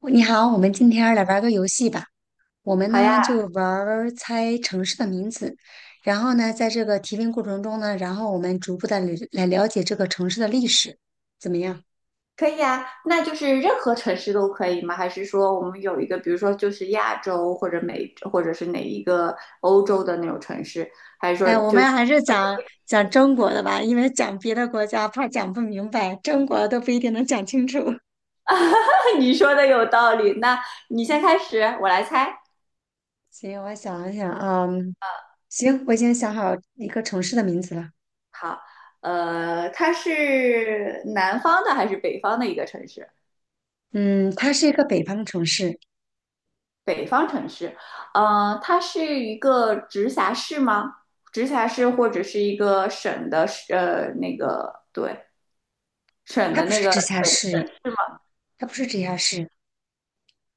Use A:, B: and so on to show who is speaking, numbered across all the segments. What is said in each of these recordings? A: 哦你好，我们今天儿来玩儿个游戏吧。我们
B: 好呀，
A: 呢就玩儿猜城市的名字，然后呢，在这个提问过程中呢，然后我们逐步的来了解这个城市的历史，怎么样？
B: 可以呀。那就是任何城市都可以吗？还是说我们有一个，比如说就是亚洲或者美，或者是哪一个欧洲的那种城市？还是说
A: 哎，我
B: 就是
A: 们还是讲中国的吧，因为讲别的国家怕讲不明白，中国都不一定能讲清楚。
B: 你说的有道理？那你先开始，我来猜。
A: 行，我想一想啊，行，我已经想好一个城市的名字了。
B: 好，它是南方的还是北方的一个城市？
A: 嗯，它是一个北方的城市，
B: 北方城市，它是一个直辖市吗？直辖市或者是一个省的，那个对，省
A: 它
B: 的
A: 不
B: 那
A: 是
B: 个。
A: 直辖市，它不是直辖市，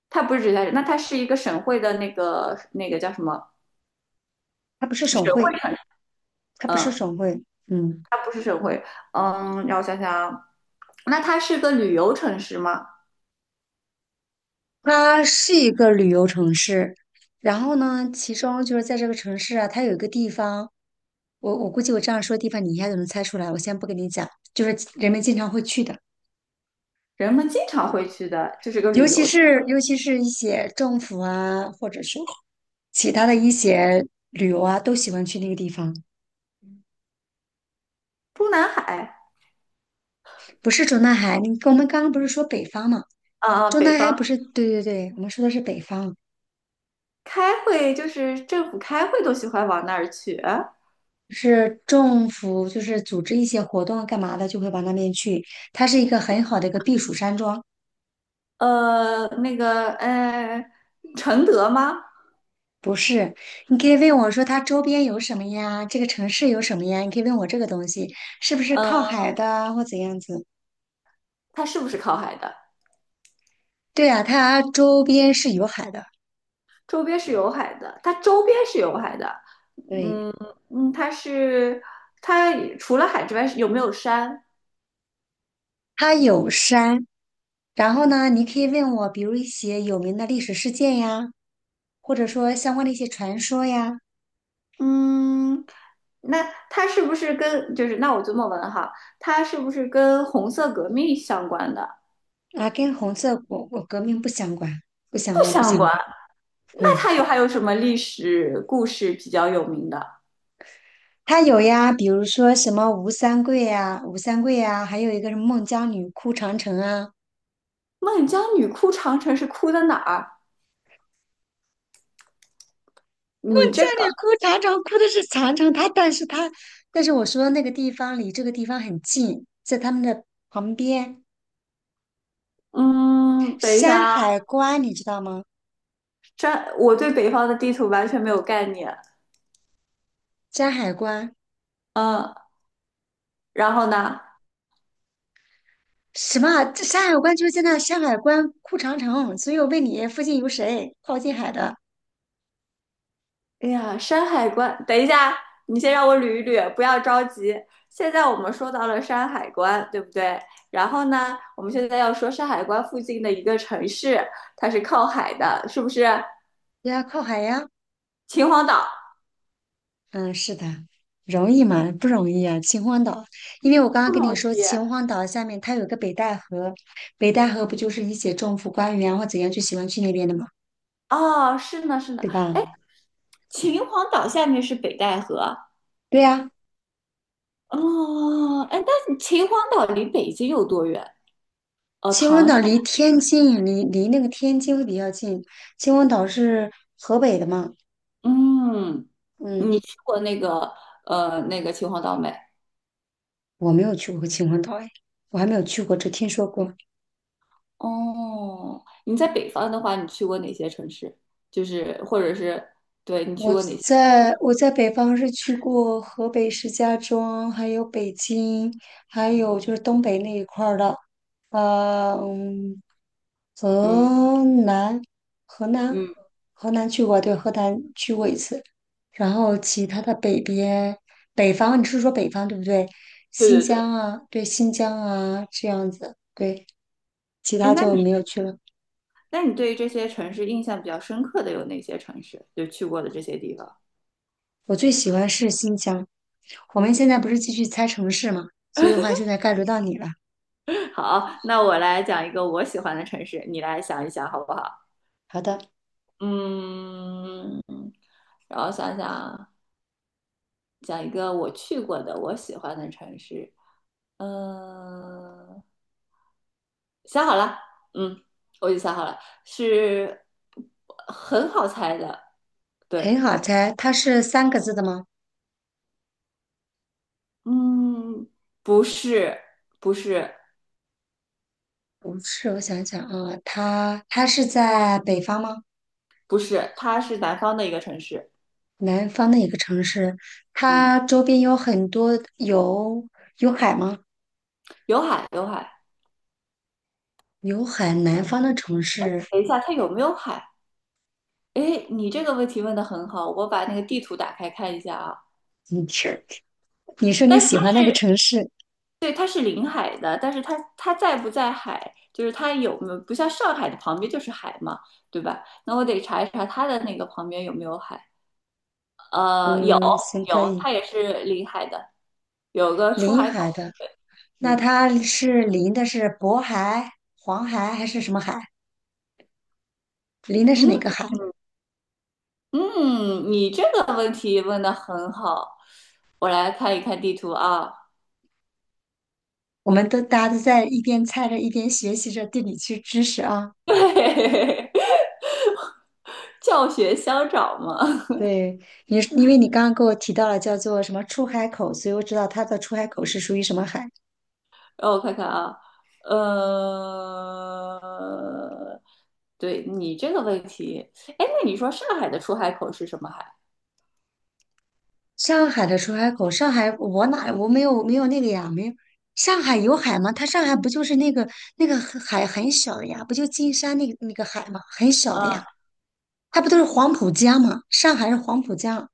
B: 它不是直辖市，那它是一个省会的那个叫什么
A: 它不是省
B: 省
A: 会。
B: 会城？
A: 它不是
B: 嗯，
A: 省会，嗯，
B: 它不是省会，嗯，让我想想啊，那它是个旅游城市吗？
A: 它是一个旅游城市。然后呢，其中就是在这个城市啊，它有一个地方，我估计我这样说地方你一下就能猜出来。我先不跟你讲，就是人们经常会去的，
B: 人们经常会去的，就是个
A: 尤
B: 旅
A: 其
B: 游地
A: 是尤其是一些政府啊，或者是其他的一些旅游啊，都喜欢去那个地方。
B: 中南海，
A: 不是中南海，你我们刚刚不是说北方嘛？
B: 啊、
A: 中
B: 北
A: 南海
B: 方
A: 不是，对对对，我们说的是北方。
B: 开会就是政府开会都喜欢往那儿去。
A: 是政府就是组织一些活动啊干嘛的，就会往那边去。它是一个很好的一个避暑山庄，
B: 呃，那个呃，承德吗？
A: 不是？你可以问我说它周边有什么呀？这个城市有什么呀？你可以问我这个东西是不是靠
B: 嗯，
A: 海的啊或怎样子？
B: 它是不是靠海的？
A: 对啊，它周边是有海的，
B: 周边是有海的，它周边是有海的，
A: 对，
B: 嗯嗯，它除了海之外是有没有山？
A: 它有山。然后呢，你可以问我，比如一些有名的历史事件呀，或者说相关的一些传说呀，
B: 嗯，那它是不是跟就是那我这么问哈，它是不是跟红色革命相关的？
A: 啊，跟红色革命不相关，不相
B: 不
A: 关，不
B: 相
A: 相
B: 关。
A: 关，
B: 那
A: 对。
B: 它有还有什么历史故事比较有名的？
A: 他有呀，比如说什么吴三桂呀、吴三桂呀，还有一个什么孟姜女哭长城啊，
B: 孟姜女哭长城是哭的哪儿？
A: 孟
B: 你
A: 姜
B: 这个，
A: 女哭长城哭的是长城，他，但是我说的那个地方离这个地方很近，在他们的旁边，
B: 嗯，等一下
A: 山
B: 啊，
A: 海关你知道吗？
B: 这我对北方的地图完全没有概念，
A: 山海关
B: 嗯，然后呢？
A: 什么啊这山海关就是在那山海关哭长城，所以我问你附近有谁靠近海的？
B: 哎呀，山海关，等一下，你先让我捋一捋，不要着急。现在我们说到了山海关，对不对？然后呢，我们现在要说山海关附近的一个城市，它是靠海的，是不是？
A: 对呀，靠海呀。
B: 秦皇岛。
A: 嗯，是的，容易吗？不容易啊！秦皇岛，因为我刚刚
B: 不
A: 跟
B: 同
A: 你说，
B: 意。
A: 秦皇岛下面它有个北戴河，北戴河不就是一些政府官员或怎样就喜欢去那边的嘛，
B: 啊，是呢，是呢。
A: 对
B: 哎，
A: 吧？
B: 秦皇岛下面是北戴河。
A: 对呀、
B: 哦，哎，但是秦皇岛离北京有多远？哦，
A: 秦皇
B: 唐山。
A: 岛离天津，离那个天津会比较近。秦皇岛是河北的嘛？
B: 嗯，
A: 嗯，
B: 你去过那个秦皇岛没？
A: 我没有去过秦皇岛，哎，我还没有去过，只听说过。
B: 哦，你在北方的话，你去过哪些城市？就是或者是对你去
A: 我
B: 过哪些城
A: 在
B: 市？
A: 我在北方是去过河北石家庄，还有北京，还有就是东北那一块儿的，嗯，
B: 嗯
A: 河南，河南，
B: 嗯，
A: 河南去过，对，河南去过一次。然后其他的北边，北方，你是说北方对不对？
B: 对
A: 新
B: 对
A: 疆
B: 对。
A: 啊，对，新疆啊，这样子，对，其
B: 哎，
A: 他
B: 那
A: 就
B: 你
A: 没有去了。
B: 那你对于这些城市印象比较深刻的有哪些城市？就去过的这些地方。
A: 我最喜欢是新疆。我们现在不是继续猜城市嘛，所以的话现在该轮到你了。
B: 好，那我来讲一个我喜欢的城市，你来想一想好不好？
A: 好的，
B: 嗯，然后想想讲一个我去过的我喜欢的城市。嗯，想好了，嗯，我已经想好了，是很好猜的，对，
A: 很好猜，它是三个字的吗？
B: 嗯，不是，不是，
A: 不是，我想想啊，它是在北方吗？
B: 不是它是南方的一个城市，
A: 南方的一个城市，
B: 嗯，
A: 它周边有很多有有海吗？
B: 有海，有海。
A: 有海，南方的城市，
B: 等一下，它有没有海？哎，你这个问题问的很好，我把那个地图打开看一下啊。
A: 你是你说你
B: 但是
A: 喜
B: 它
A: 欢那个城市，
B: 对，它是临海的，但是它在不在海，就是它有没有不像上海的旁边就是海嘛，对吧？那我得查一查它的那个旁边有没有海。呃，有
A: 嗯，行，可
B: 有，
A: 以，
B: 它也是临海的，有个出
A: 临
B: 海口。
A: 海的，那
B: 嗯
A: 它是临的是渤海、黄海还是什么海？临的是哪
B: 嗯
A: 个海？
B: 嗯，你这个问题问的很好，我来看一看地图啊。
A: 我们都大家都在一边猜着一边学习着地理区知识啊。
B: 对，教学相长嘛。
A: 对，因为你刚刚给我提到了叫做什么出海口，所以我知道它的出海口是属于什么海。
B: 让我看看啊，呃，对你这个问题，哎，那你说上海的出海口是什么海？
A: 上海的出海口，上海我没有没有那个呀，没有。上海有海吗？它上海不就是那个海很小的呀，不就金山那个海吗？很小的呀，
B: 呃
A: 它不都是黄浦江吗？上海是黄浦江，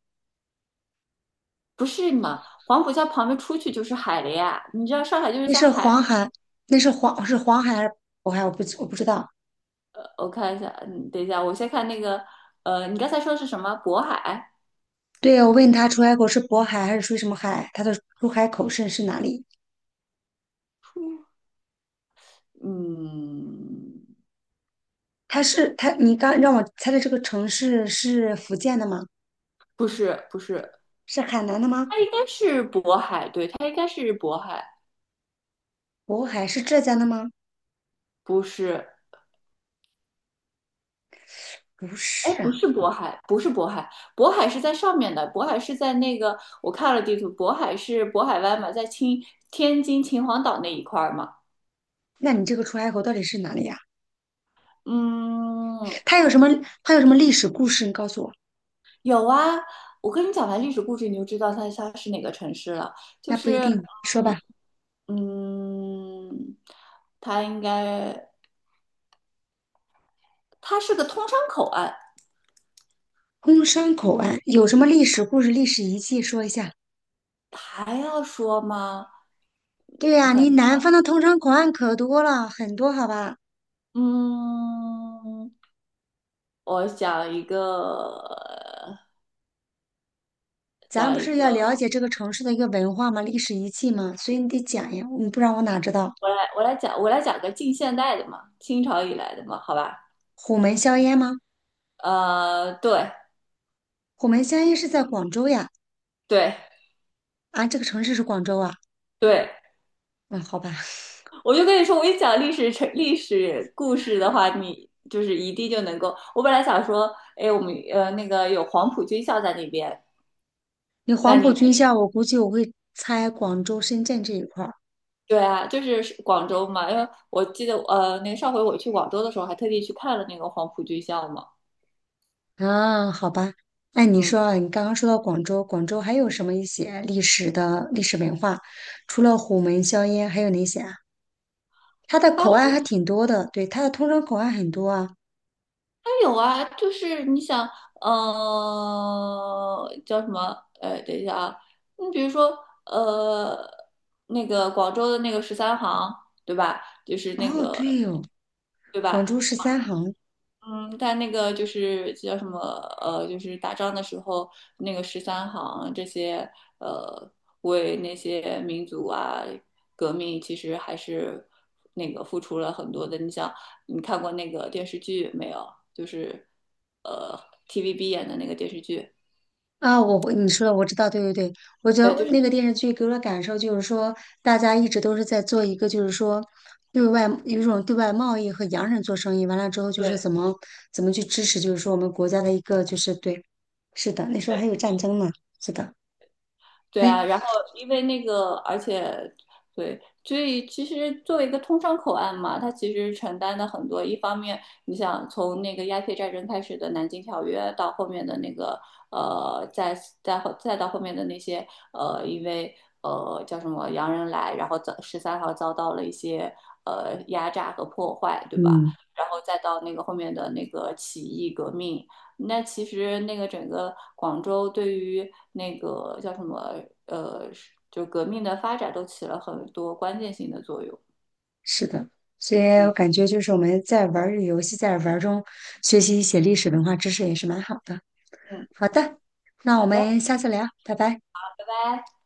B: 不是嘛？黄浦江旁边出去就是海了呀。你知道上海就是
A: 那
B: 在
A: 是
B: 海。
A: 黄海，那是黄是黄海还是渤海？我不知道。
B: 我看一下，嗯，等一下，我先看那个，你刚才说的是什么？渤海？
A: 对，我问他出海口是渤海还是属于什么海，他的出海口是哪里？
B: 嗯，
A: 它是它，你刚让我猜的这个城市是福建的吗？
B: 不是，不是，
A: 是海南的吗？
B: 它应该是渤海，对，它应该是渤海，
A: 渤海是浙江的吗？
B: 不是，
A: 不
B: 哎，不
A: 是，
B: 是渤海，不是渤海，渤海是在上面的，渤海是在那个，我看了地图，渤海是渤海湾嘛，在青天津秦皇岛那一块儿嘛，
A: 那你这个出海口到底是哪里呀？
B: 嗯，
A: 它有什么？它有什么历史故事？你告诉我。
B: 有啊，我跟你讲完历史故事，你就知道它是哪个城市了，就
A: 那不一
B: 是。
A: 定，说
B: 嗯
A: 吧。
B: 嗯，它应该，它是个通商口岸，
A: 通商口岸有什么历史故事、历史遗迹？说一下。
B: 还要说吗？
A: 对呀，你南方的通商口岸可多了，很多，好吧？
B: 嗯，我讲一个，
A: 咱
B: 讲
A: 不
B: 一
A: 是
B: 个，
A: 要了解这个城市的一个文化吗？历史遗迹吗？所以你得讲呀，你不然我哪知道？
B: 我来，我来讲，我来讲个近现代的嘛，清朝以来的嘛，好吧？
A: 虎门销烟吗？
B: 对，
A: 虎门销烟是在广州呀。
B: 对，
A: 啊，这个城市是广州啊？
B: 对，
A: 嗯，好吧。
B: 我就跟你说，我一讲历史成历史故事的话，你就是一定就能够。我本来想说，哎，我们那个有黄埔军校在那边，
A: 你
B: 那
A: 黄埔
B: 你
A: 军校，我估计我会猜广州、深圳这一块儿
B: 对啊，就是是广州嘛，因为我记得那个上回我去广州的时候，还特地去看了那个黄埔军校嘛。
A: 啊。好吧，那你
B: 嗯，
A: 说啊，你刚刚说到广州，广州还有什么一些历史的历史文化？除了虎门销烟，还有哪些啊？它的
B: 还
A: 口岸还挺多的，对，它的通商口岸很多啊。
B: 有啊，就是你想，叫什么？等一下啊，你比如说呃，那个广州的那个十三行，对吧？就是那
A: 哦，
B: 个，
A: 对哦，
B: 对
A: 广
B: 吧？
A: 州十三行，
B: 嗯，但那个就是叫什么就是打仗的时候，那个十三行这些呃，为那些民族啊革命，其实还是那个付出了很多的。你想，你看过那个电视剧没有？就是呃 TVB 演的那个电视剧，
A: 啊，我会你说的我知道，对对对，我觉
B: 对，
A: 得
B: 就是
A: 那个电视剧给我的感受就是说，大家一直都是在做一个，就是说对外有一种对外贸易和洋人做生意，完了之后就是
B: 对。
A: 怎么去支持，就是说我们国家的一个就是对，是的，那时候还有战争呢，是的，
B: 对
A: 哎，
B: 啊，然后因为那个，而且对，所以其实作为一个通商口岸嘛，它其实承担的很多。一方面，你想从那个鸦片战争开始的南京条约，到后面的那个呃，再再到后面的那些呃，因为叫什么洋人来，然后遭十三号遭到了一些压榨和破坏，对吧？
A: 嗯，
B: 然后再到那个后面的那个起义革命，那其实那个整个广州对于那个叫什么呃，就革命的发展都起了很多关键性的作用。
A: 是的，所以
B: 嗯
A: 我感觉就是我们在玩儿这个游戏，在玩儿中学习一些历史文化知识也是蛮好的。
B: 嗯，
A: 好的，那我
B: 好的，拜
A: 们下次聊，拜拜。
B: 拜。